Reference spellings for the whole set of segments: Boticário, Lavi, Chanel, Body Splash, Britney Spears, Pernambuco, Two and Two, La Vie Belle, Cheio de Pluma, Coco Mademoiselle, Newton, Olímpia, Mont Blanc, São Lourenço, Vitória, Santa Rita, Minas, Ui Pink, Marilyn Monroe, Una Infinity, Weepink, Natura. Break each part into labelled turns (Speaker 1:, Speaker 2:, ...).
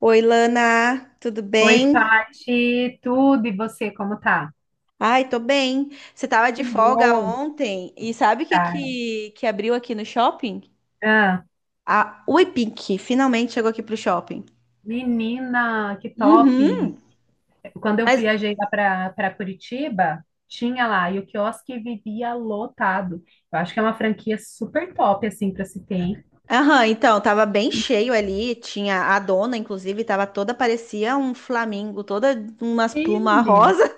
Speaker 1: Oi, Lana, tudo
Speaker 2: Oi,
Speaker 1: bem?
Speaker 2: Paty, tudo e você, como tá?
Speaker 1: Ai, tô bem. Você tava de
Speaker 2: Que
Speaker 1: folga
Speaker 2: bom,
Speaker 1: ontem e sabe o que,
Speaker 2: cara.
Speaker 1: que, que abriu aqui no shopping?
Speaker 2: Ah,
Speaker 1: A Ui Pink finalmente chegou aqui pro shopping.
Speaker 2: menina, que top!
Speaker 1: Uhum.
Speaker 2: Quando eu
Speaker 1: Mas,
Speaker 2: viajei lá para Curitiba, tinha lá, e o quiosque vivia lotado. Eu acho que é uma franquia super top, assim, para se ter, hein?
Speaker 1: aham, então, tava bem cheio ali. Tinha a dona, inclusive, tava toda, parecia um flamingo, toda umas
Speaker 2: Sim,
Speaker 1: plumas
Speaker 2: menino.
Speaker 1: rosa.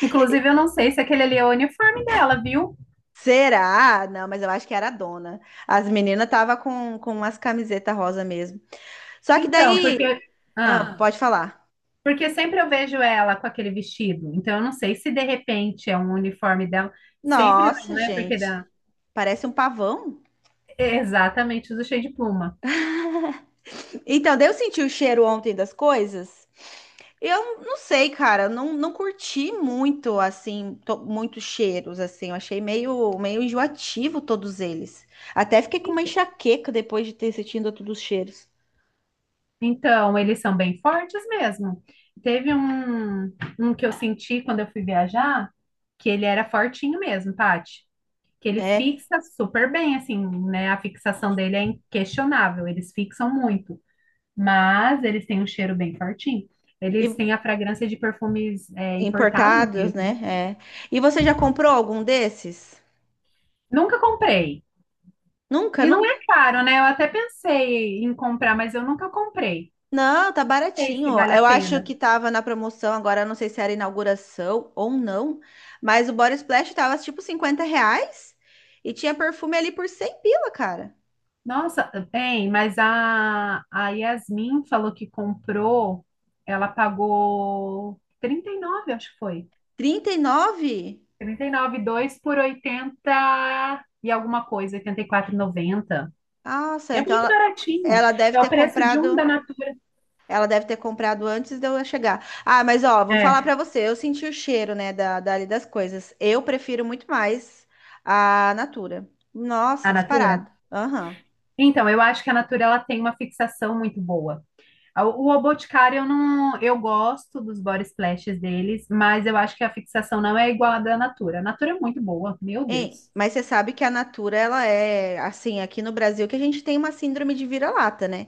Speaker 2: Inclusive, eu não sei se aquele ali é o uniforme dela, viu?
Speaker 1: Será? Não, mas eu acho que era a dona. As meninas tava com umas camisetas rosa mesmo. Só que
Speaker 2: Então,
Speaker 1: daí. Ah,
Speaker 2: ah,
Speaker 1: Ah, pode falar.
Speaker 2: porque sempre eu vejo ela com aquele vestido. Então, eu não sei se de repente é um uniforme dela. Sempre não,
Speaker 1: Nossa,
Speaker 2: né? Porque
Speaker 1: gente.
Speaker 2: da.
Speaker 1: Parece um pavão.
Speaker 2: Exatamente, os do Cheio de Pluma.
Speaker 1: Então, daí eu senti o cheiro ontem das coisas. Eu não sei, cara, não curti muito, assim, muitos cheiros, assim. Eu achei meio enjoativo todos eles. Até fiquei com uma enxaqueca depois de ter sentido todos os cheiros.
Speaker 2: Então, eles são bem fortes mesmo. Teve um que eu senti quando eu fui viajar, que ele era fortinho mesmo, Paty. Que ele
Speaker 1: É,
Speaker 2: fixa super bem, assim, né? A fixação dele é inquestionável, eles fixam muito. Mas eles têm um cheiro bem fortinho. Eles
Speaker 1: e
Speaker 2: têm a fragrância de perfumes importados
Speaker 1: importados,
Speaker 2: mesmo.
Speaker 1: né? É. E você já comprou algum desses?
Speaker 2: Nunca comprei.
Speaker 1: Nunca,
Speaker 2: E não é
Speaker 1: nunca?
Speaker 2: caro, né? Eu até pensei em comprar, mas eu nunca comprei.
Speaker 1: Não, tá
Speaker 2: Não sei
Speaker 1: baratinho.
Speaker 2: se vale a
Speaker 1: Eu acho
Speaker 2: pena.
Speaker 1: que tava na promoção, agora eu não sei se era inauguração ou não, mas o Body Splash tava tipo 50 reais e tinha perfume ali por 100 pila, cara.
Speaker 2: Nossa, bem, mas a Yasmin falou que comprou, ela pagou 39, acho que foi.
Speaker 1: 39.
Speaker 2: Trinta e nove e dois por 80 e alguma coisa, oitenta e quatro e noventa.
Speaker 1: Nossa,
Speaker 2: É
Speaker 1: então
Speaker 2: muito
Speaker 1: ela,
Speaker 2: baratinho.
Speaker 1: ela deve
Speaker 2: É
Speaker 1: ter
Speaker 2: o preço de um
Speaker 1: comprado,
Speaker 2: da Natura.
Speaker 1: ela deve ter comprado antes de eu chegar. Ah, mas ó, vou falar
Speaker 2: É,
Speaker 1: pra você, eu senti o cheiro, né, dali das coisas. Eu prefiro muito mais a Natura. Nossa,
Speaker 2: a Natura?
Speaker 1: disparado. Aham.
Speaker 2: Então, eu acho que a Natura ela tem uma fixação muito boa. O Boticário, eu não, eu gosto dos body splashes deles, mas eu acho que a fixação não é igual à da Natura. A Natura é muito boa, meu
Speaker 1: Hein?
Speaker 2: Deus.
Speaker 1: Mas você sabe que a Natura, ela é assim, aqui no Brasil, que a gente tem uma síndrome de vira-lata, né?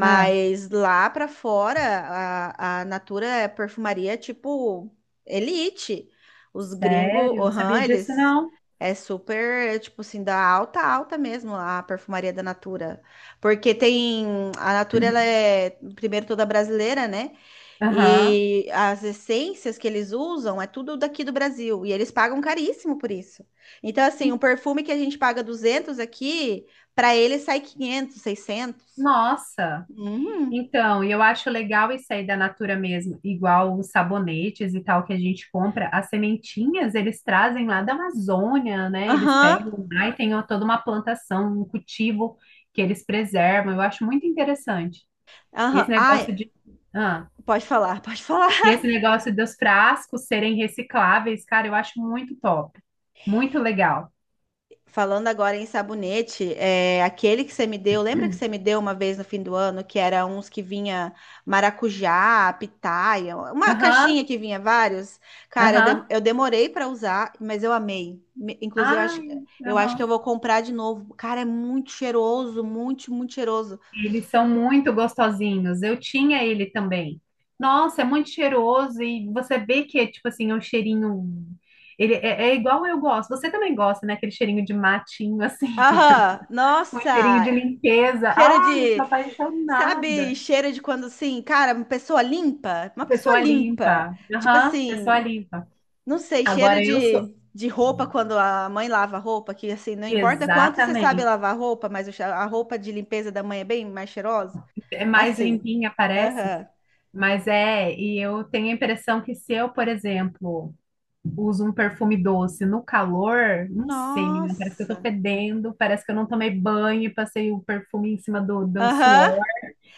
Speaker 2: Ah.
Speaker 1: lá pra fora, a Natura é perfumaria tipo elite. Os gringos,
Speaker 2: Sério? Não
Speaker 1: uhum,
Speaker 2: sabia disso,
Speaker 1: eles
Speaker 2: não.
Speaker 1: é super, tipo assim, da alta, alta mesmo a perfumaria da Natura. Porque tem, a Natura, ela é, primeiro, toda brasileira, né?
Speaker 2: Aham.
Speaker 1: E as essências que eles usam é tudo daqui do Brasil. E eles pagam caríssimo por isso. Então, assim, um
Speaker 2: En-
Speaker 1: perfume que a gente paga 200 aqui, para eles sai 500 600.
Speaker 2: Nossa.
Speaker 1: Uhum.
Speaker 2: Então, e eu acho legal isso aí da Natura mesmo, igual os sabonetes e tal que a gente compra, as sementinhas eles trazem lá da Amazônia, né? Eles
Speaker 1: Aham.
Speaker 2: pegam lá e tem ó, toda uma plantação, um cultivo que eles preservam. Eu acho muito interessante. E Esse
Speaker 1: Aham. Ai,
Speaker 2: negócio de, ah,
Speaker 1: pode falar, pode falar.
Speaker 2: e esse negócio dos frascos serem recicláveis, cara, eu acho muito top, muito legal.
Speaker 1: Falando agora em sabonete, é, aquele que você me deu, lembra que você me deu uma vez no fim do ano, que era uns que vinha maracujá, pitaia, uma
Speaker 2: Aham,
Speaker 1: caixinha que vinha vários? Cara,
Speaker 2: aham.
Speaker 1: eu demorei para usar, mas eu amei. Inclusive, eu acho,
Speaker 2: Ai,
Speaker 1: eu acho que eu
Speaker 2: aham.
Speaker 1: vou comprar de novo. Cara, é muito cheiroso, muito, muito cheiroso.
Speaker 2: Eles são muito gostosinhos. Eu tinha ele também. Nossa, é muito cheiroso e você vê que é tipo assim, é um cheirinho. Ele é igual eu gosto. Você também gosta, né? Aquele cheirinho de matinho, assim,
Speaker 1: Aham,
Speaker 2: um cheirinho
Speaker 1: nossa,
Speaker 2: de limpeza.
Speaker 1: cheiro
Speaker 2: Ai, eu sou
Speaker 1: de, sabe,
Speaker 2: apaixonada.
Speaker 1: cheiro de quando assim, cara, uma pessoa limpa, uma pessoa
Speaker 2: Pessoa
Speaker 1: limpa.
Speaker 2: limpa.
Speaker 1: Tipo
Speaker 2: Aham, pessoa
Speaker 1: assim,
Speaker 2: limpa.
Speaker 1: não sei, cheiro
Speaker 2: Agora eu sou.
Speaker 1: de roupa quando a mãe lava a roupa, que assim, não importa quanto você sabe
Speaker 2: Exatamente.
Speaker 1: lavar a roupa, mas o a roupa de limpeza da mãe é bem mais cheirosa.
Speaker 2: É mais
Speaker 1: Assim.
Speaker 2: limpinha, parece,
Speaker 1: Aham.
Speaker 2: mas é. E eu tenho a impressão que se eu, por exemplo, uso um perfume doce no calor, não sei, menina, parece que eu tô
Speaker 1: Nossa.
Speaker 2: fedendo, parece que eu não tomei banho e passei o perfume em cima do
Speaker 1: Aham.
Speaker 2: suor,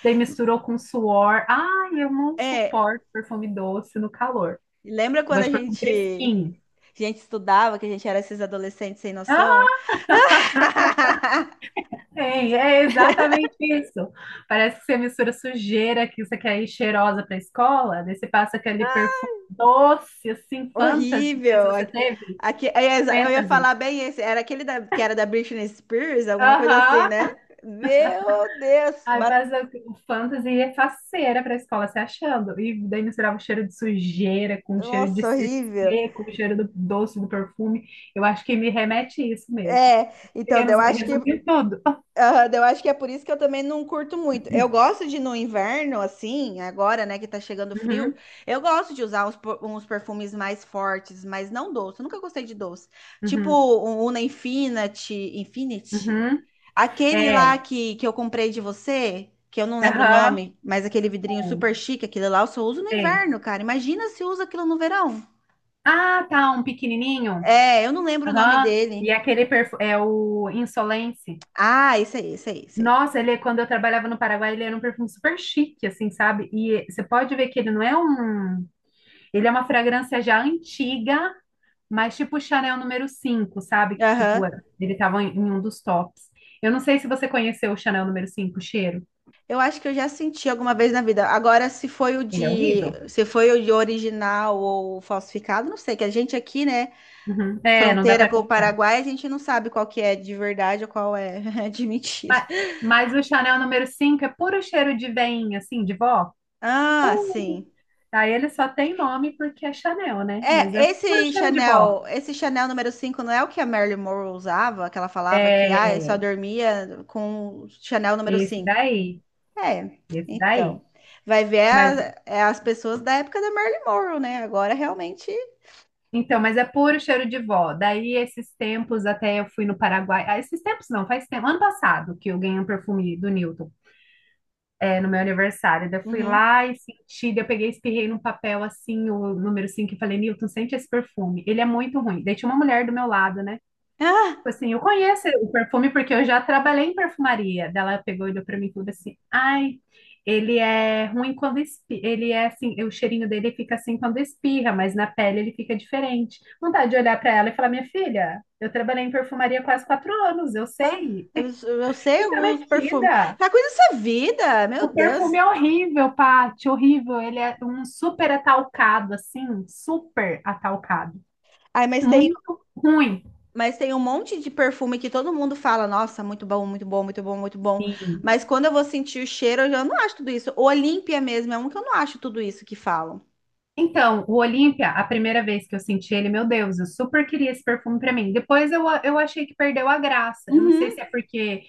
Speaker 2: daí misturou com suor. Ai, eu não
Speaker 1: É.
Speaker 2: suporto perfume doce no calor.
Speaker 1: Lembra
Speaker 2: Eu
Speaker 1: quando
Speaker 2: gosto
Speaker 1: a
Speaker 2: de perfume
Speaker 1: gente,
Speaker 2: fresquinho.
Speaker 1: a gente estudava, que a gente era esses adolescentes sem noção?
Speaker 2: Ah, tem, é exatamente isso. Parece que você mistura sujeira que você quer ir cheirosa pra escola, daí você passa aquele perfume doce, assim, fantasy, não sei se
Speaker 1: Horrível.
Speaker 2: você teve,
Speaker 1: É, eu ia
Speaker 2: fantasy.
Speaker 1: falar bem esse. Era aquele que era da Britney Spears, alguma coisa assim,
Speaker 2: Aham.
Speaker 1: né? Meu Deus.
Speaker 2: Aí passa o fantasy é faceira pra escola se achando. E daí misturava o cheiro de sujeira com o cheiro de
Speaker 1: Nossa, horrível.
Speaker 2: CC, com o cheiro do doce, do perfume. Eu acho que me remete a isso mesmo.
Speaker 1: É, então, daí eu
Speaker 2: Resu-
Speaker 1: acho que,
Speaker 2: Resumi tudo.
Speaker 1: ah, daí eu acho que é por isso que eu também não curto muito. Eu gosto de no inverno, assim, agora, né, que tá chegando frio,
Speaker 2: Uhum,
Speaker 1: eu gosto de usar uns perfumes mais fortes, mas não doce. Eu nunca gostei de doce. Tipo
Speaker 2: uhum,
Speaker 1: o Una Infinity, Infinity.
Speaker 2: uhum.
Speaker 1: Aquele
Speaker 2: É,
Speaker 1: lá que eu comprei de você, que eu não lembro o
Speaker 2: aham,
Speaker 1: nome, mas aquele vidrinho
Speaker 2: uhum.
Speaker 1: super chique, aquele lá eu só uso no
Speaker 2: Sei.
Speaker 1: inverno, cara. Imagina se usa aquilo no verão.
Speaker 2: Ah, tá, um pequenininho.
Speaker 1: É, eu não lembro o nome
Speaker 2: Aham. E
Speaker 1: dele.
Speaker 2: aquele perfume, é o Insolence.
Speaker 1: Ah, esse aí, esse aí, esse aí.
Speaker 2: Nossa, ele, quando eu trabalhava no Paraguai, ele era um perfume super chique, assim, sabe? E você pode ver que ele não é um. Ele é uma fragrância já antiga, mas tipo Chanel número 5, sabe? Que tipo,
Speaker 1: Aham.
Speaker 2: ele tava em um dos tops. Eu não sei se você conheceu o Chanel número 5 o cheiro.
Speaker 1: Eu acho que eu já senti alguma vez na vida. Agora, se foi o
Speaker 2: Ele é
Speaker 1: de,
Speaker 2: horrível.
Speaker 1: se foi o de original ou falsificado, não sei, que a gente aqui, né,
Speaker 2: Uhum. É, não dá
Speaker 1: fronteira
Speaker 2: pra
Speaker 1: com o
Speaker 2: comprar.
Speaker 1: Paraguai, a gente não sabe qual que é de verdade ou qual é de mentira.
Speaker 2: Mas, mas o Chanel número 5 é puro cheiro de veinha, assim, de vó.
Speaker 1: Ah,
Speaker 2: Puro.
Speaker 1: sim.
Speaker 2: Aí ele só tem nome porque é Chanel, né? Mas
Speaker 1: É,
Speaker 2: é puro
Speaker 1: esse
Speaker 2: cheiro de vó.
Speaker 1: Chanel, esse Chanel número cinco não é o que a Marilyn Monroe usava, que ela falava que ah, eu só
Speaker 2: É,
Speaker 1: dormia com Chanel número
Speaker 2: esse
Speaker 1: cinco.
Speaker 2: daí,
Speaker 1: É,
Speaker 2: esse daí.
Speaker 1: então. Vai ver
Speaker 2: Mas
Speaker 1: é as pessoas da época da Marilyn Monroe, né? Agora realmente.
Speaker 2: Então, mas é puro cheiro de vó. Daí, esses tempos, até eu fui no Paraguai. Ah, esses tempos não, faz tempo. Ano passado que eu ganhei um perfume do Newton, no meu aniversário. Daí, eu fui
Speaker 1: Uhum.
Speaker 2: lá e senti. Daí, eu peguei, e espirrei num papel assim, o número 5 e falei, Newton, sente esse perfume. Ele é muito ruim. Daí, tinha uma mulher do meu lado, né? Tipo assim, eu conheço o perfume porque eu já trabalhei em perfumaria. Daí, ela pegou e olhou pra mim e falou assim: Ai, ele é ruim quando espirra. Ele é assim, o cheirinho dele fica assim quando espirra, mas na pele ele fica diferente. Vontade de olhar pra ela e falar: Minha filha, eu trabalhei em perfumaria quase 4 anos, eu
Speaker 1: Ah,
Speaker 2: sei.
Speaker 1: eu, eu sei
Speaker 2: Quinta
Speaker 1: os perfumes.
Speaker 2: metida.
Speaker 1: Ah, coisa dessa vida, meu
Speaker 2: O
Speaker 1: Deus.
Speaker 2: perfume é horrível, Paty, horrível. Ele é um super atalcado, assim, super atalcado.
Speaker 1: Ai, mas tem,
Speaker 2: Muito ruim.
Speaker 1: mas tem um monte de perfume que todo mundo fala, nossa, muito bom, muito bom, muito bom, muito bom.
Speaker 2: Sim.
Speaker 1: Mas quando eu vou sentir o cheiro, eu já não acho tudo isso. O Olímpia mesmo é um que eu não acho tudo isso que falam.
Speaker 2: Então, o Olímpia, a primeira vez que eu senti ele, meu Deus, eu super queria esse perfume para mim. Depois eu achei que perdeu a graça. Eu não
Speaker 1: Uhum.
Speaker 2: sei se é porque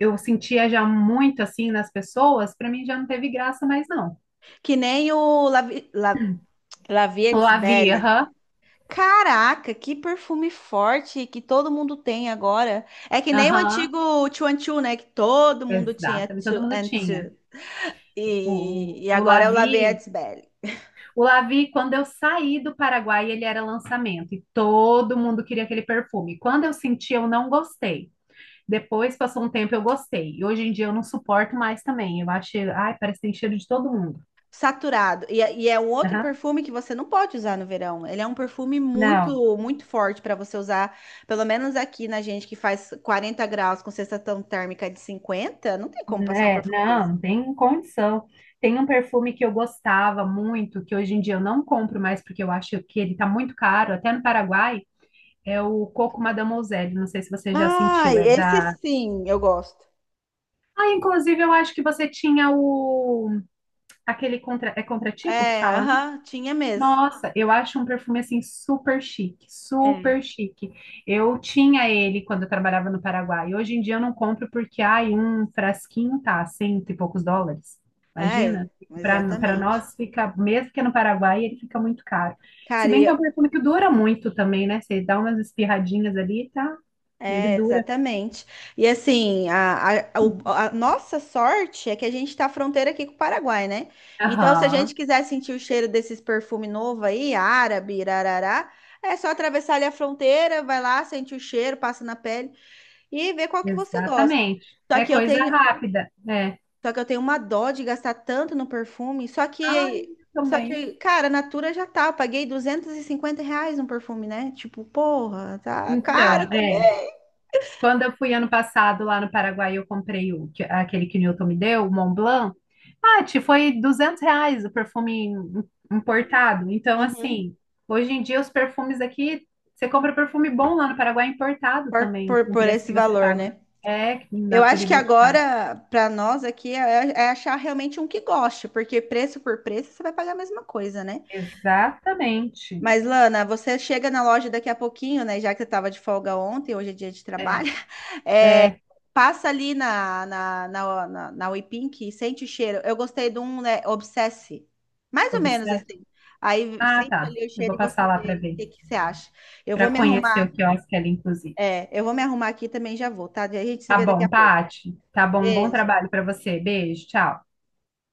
Speaker 2: eu sentia já muito assim nas pessoas, para mim já não teve graça mais não.
Speaker 1: Que nem o La
Speaker 2: O
Speaker 1: Vie
Speaker 2: Lavi,
Speaker 1: Belle.
Speaker 2: aham,
Speaker 1: Caraca, que perfume forte que todo mundo tem agora. É que nem o
Speaker 2: aham,
Speaker 1: antigo Two and Two, né? Que todo mundo tinha
Speaker 2: exato, todo
Speaker 1: Two
Speaker 2: mundo
Speaker 1: and
Speaker 2: tinha.
Speaker 1: Two. E,
Speaker 2: O,
Speaker 1: e
Speaker 2: o o
Speaker 1: agora é o La Vie
Speaker 2: Lavi,
Speaker 1: Belle.
Speaker 2: o Lavi, quando eu saí do Paraguai, ele era lançamento e todo mundo queria aquele perfume. Quando eu senti, eu não gostei. Depois passou um tempo, eu gostei. E hoje em dia eu não suporto mais também. Eu acho, ai, parece que tem cheiro de todo mundo.
Speaker 1: Saturado. E é um outro
Speaker 2: Aham.
Speaker 1: perfume que você não pode usar no verão. Ele é um perfume
Speaker 2: Não,
Speaker 1: muito, muito forte para você usar. Pelo menos aqui na gente que faz 40 graus com sensação térmica de 50. Não tem como passar um
Speaker 2: né?
Speaker 1: perfume
Speaker 2: Não,
Speaker 1: desse.
Speaker 2: não tem condição. Tem um perfume que eu gostava muito, que hoje em dia eu não compro mais porque eu acho que ele tá muito caro, até no Paraguai, é o Coco Mademoiselle. Não sei se você já sentiu,
Speaker 1: Ai,
Speaker 2: é
Speaker 1: esse
Speaker 2: da.
Speaker 1: sim, eu gosto.
Speaker 2: Ah, inclusive eu acho que você tinha o aquele contra é contratipo que
Speaker 1: É,
Speaker 2: fala, né?
Speaker 1: aham, tinha mesmo.
Speaker 2: Nossa, eu acho um perfume assim super chique,
Speaker 1: É.
Speaker 2: super chique. Eu tinha ele quando eu trabalhava no Paraguai. Hoje em dia eu não compro porque ai, um frasquinho tá cento e poucos dólares.
Speaker 1: É,
Speaker 2: Imagina? Para
Speaker 1: exatamente.
Speaker 2: nós fica, mesmo que é no Paraguai, ele fica muito caro. Se
Speaker 1: Cara,
Speaker 2: bem
Speaker 1: e.
Speaker 2: que é um perfume que dura muito também, né? Você dá umas espirradinhas ali, tá? Ele
Speaker 1: É,
Speaker 2: dura.
Speaker 1: exatamente. E assim, a nossa sorte é que a gente está fronteira aqui com o Paraguai, né? Então, se a
Speaker 2: Aham,
Speaker 1: gente quiser sentir o cheiro desses perfumes novos aí, árabe, irarará, é só atravessar ali a fronteira, vai lá, sente o cheiro, passa na pele e vê qual que você gosta.
Speaker 2: exatamente.
Speaker 1: Só
Speaker 2: É
Speaker 1: que eu
Speaker 2: coisa
Speaker 1: tenho,
Speaker 2: rápida, né?
Speaker 1: só que eu tenho uma dó de gastar tanto no perfume, só
Speaker 2: Ai,
Speaker 1: que,
Speaker 2: eu
Speaker 1: só
Speaker 2: também.
Speaker 1: que, cara, a Natura já tá, eu paguei 250 reais no perfume, né? Tipo, porra, tá caro
Speaker 2: Então,
Speaker 1: também.
Speaker 2: é. Quando eu fui ano passado lá no Paraguai, eu comprei aquele que o Newton me deu, o Mont Blanc. Paty, foi R$ 200 o perfume importado. Então,
Speaker 1: Uhum.
Speaker 2: assim, hoje em dia os perfumes aqui, você compra perfume bom lá no Paraguai é importado
Speaker 1: Por,
Speaker 2: também,
Speaker 1: por,
Speaker 2: com o
Speaker 1: por
Speaker 2: preço
Speaker 1: esse
Speaker 2: que você
Speaker 1: valor,
Speaker 2: paga.
Speaker 1: né?
Speaker 2: É,
Speaker 1: Eu
Speaker 2: Natura e
Speaker 1: acho que
Speaker 2: Boticário.
Speaker 1: agora, para nós aqui, é achar realmente um que goste, porque preço por preço você vai pagar a mesma coisa, né?
Speaker 2: Exatamente.
Speaker 1: Mas, Lana, você chega na loja daqui a pouquinho, né? Já que você estava de folga ontem, hoje é dia de trabalho,
Speaker 2: É,
Speaker 1: é,
Speaker 2: é,
Speaker 1: passa ali na Weepink e sente o cheiro. Eu gostei de um, né? Obsesse. Mais ou menos
Speaker 2: observe.
Speaker 1: assim. Aí
Speaker 2: Ah,
Speaker 1: sente
Speaker 2: tá.
Speaker 1: ali o
Speaker 2: Eu
Speaker 1: cheiro
Speaker 2: vou
Speaker 1: e você
Speaker 2: passar lá para
Speaker 1: vê o
Speaker 2: ver,
Speaker 1: que que você acha. Eu vou
Speaker 2: para
Speaker 1: me
Speaker 2: conhecer
Speaker 1: arrumar,
Speaker 2: o quiosque ali, inclusive.
Speaker 1: é, eu vou me arrumar aqui e também já vou, tá? A gente se
Speaker 2: Tá
Speaker 1: vê daqui a
Speaker 2: bom,
Speaker 1: pouco.
Speaker 2: Paty. Tá bom, um bom
Speaker 1: Beijo.
Speaker 2: trabalho para você. Beijo, tchau.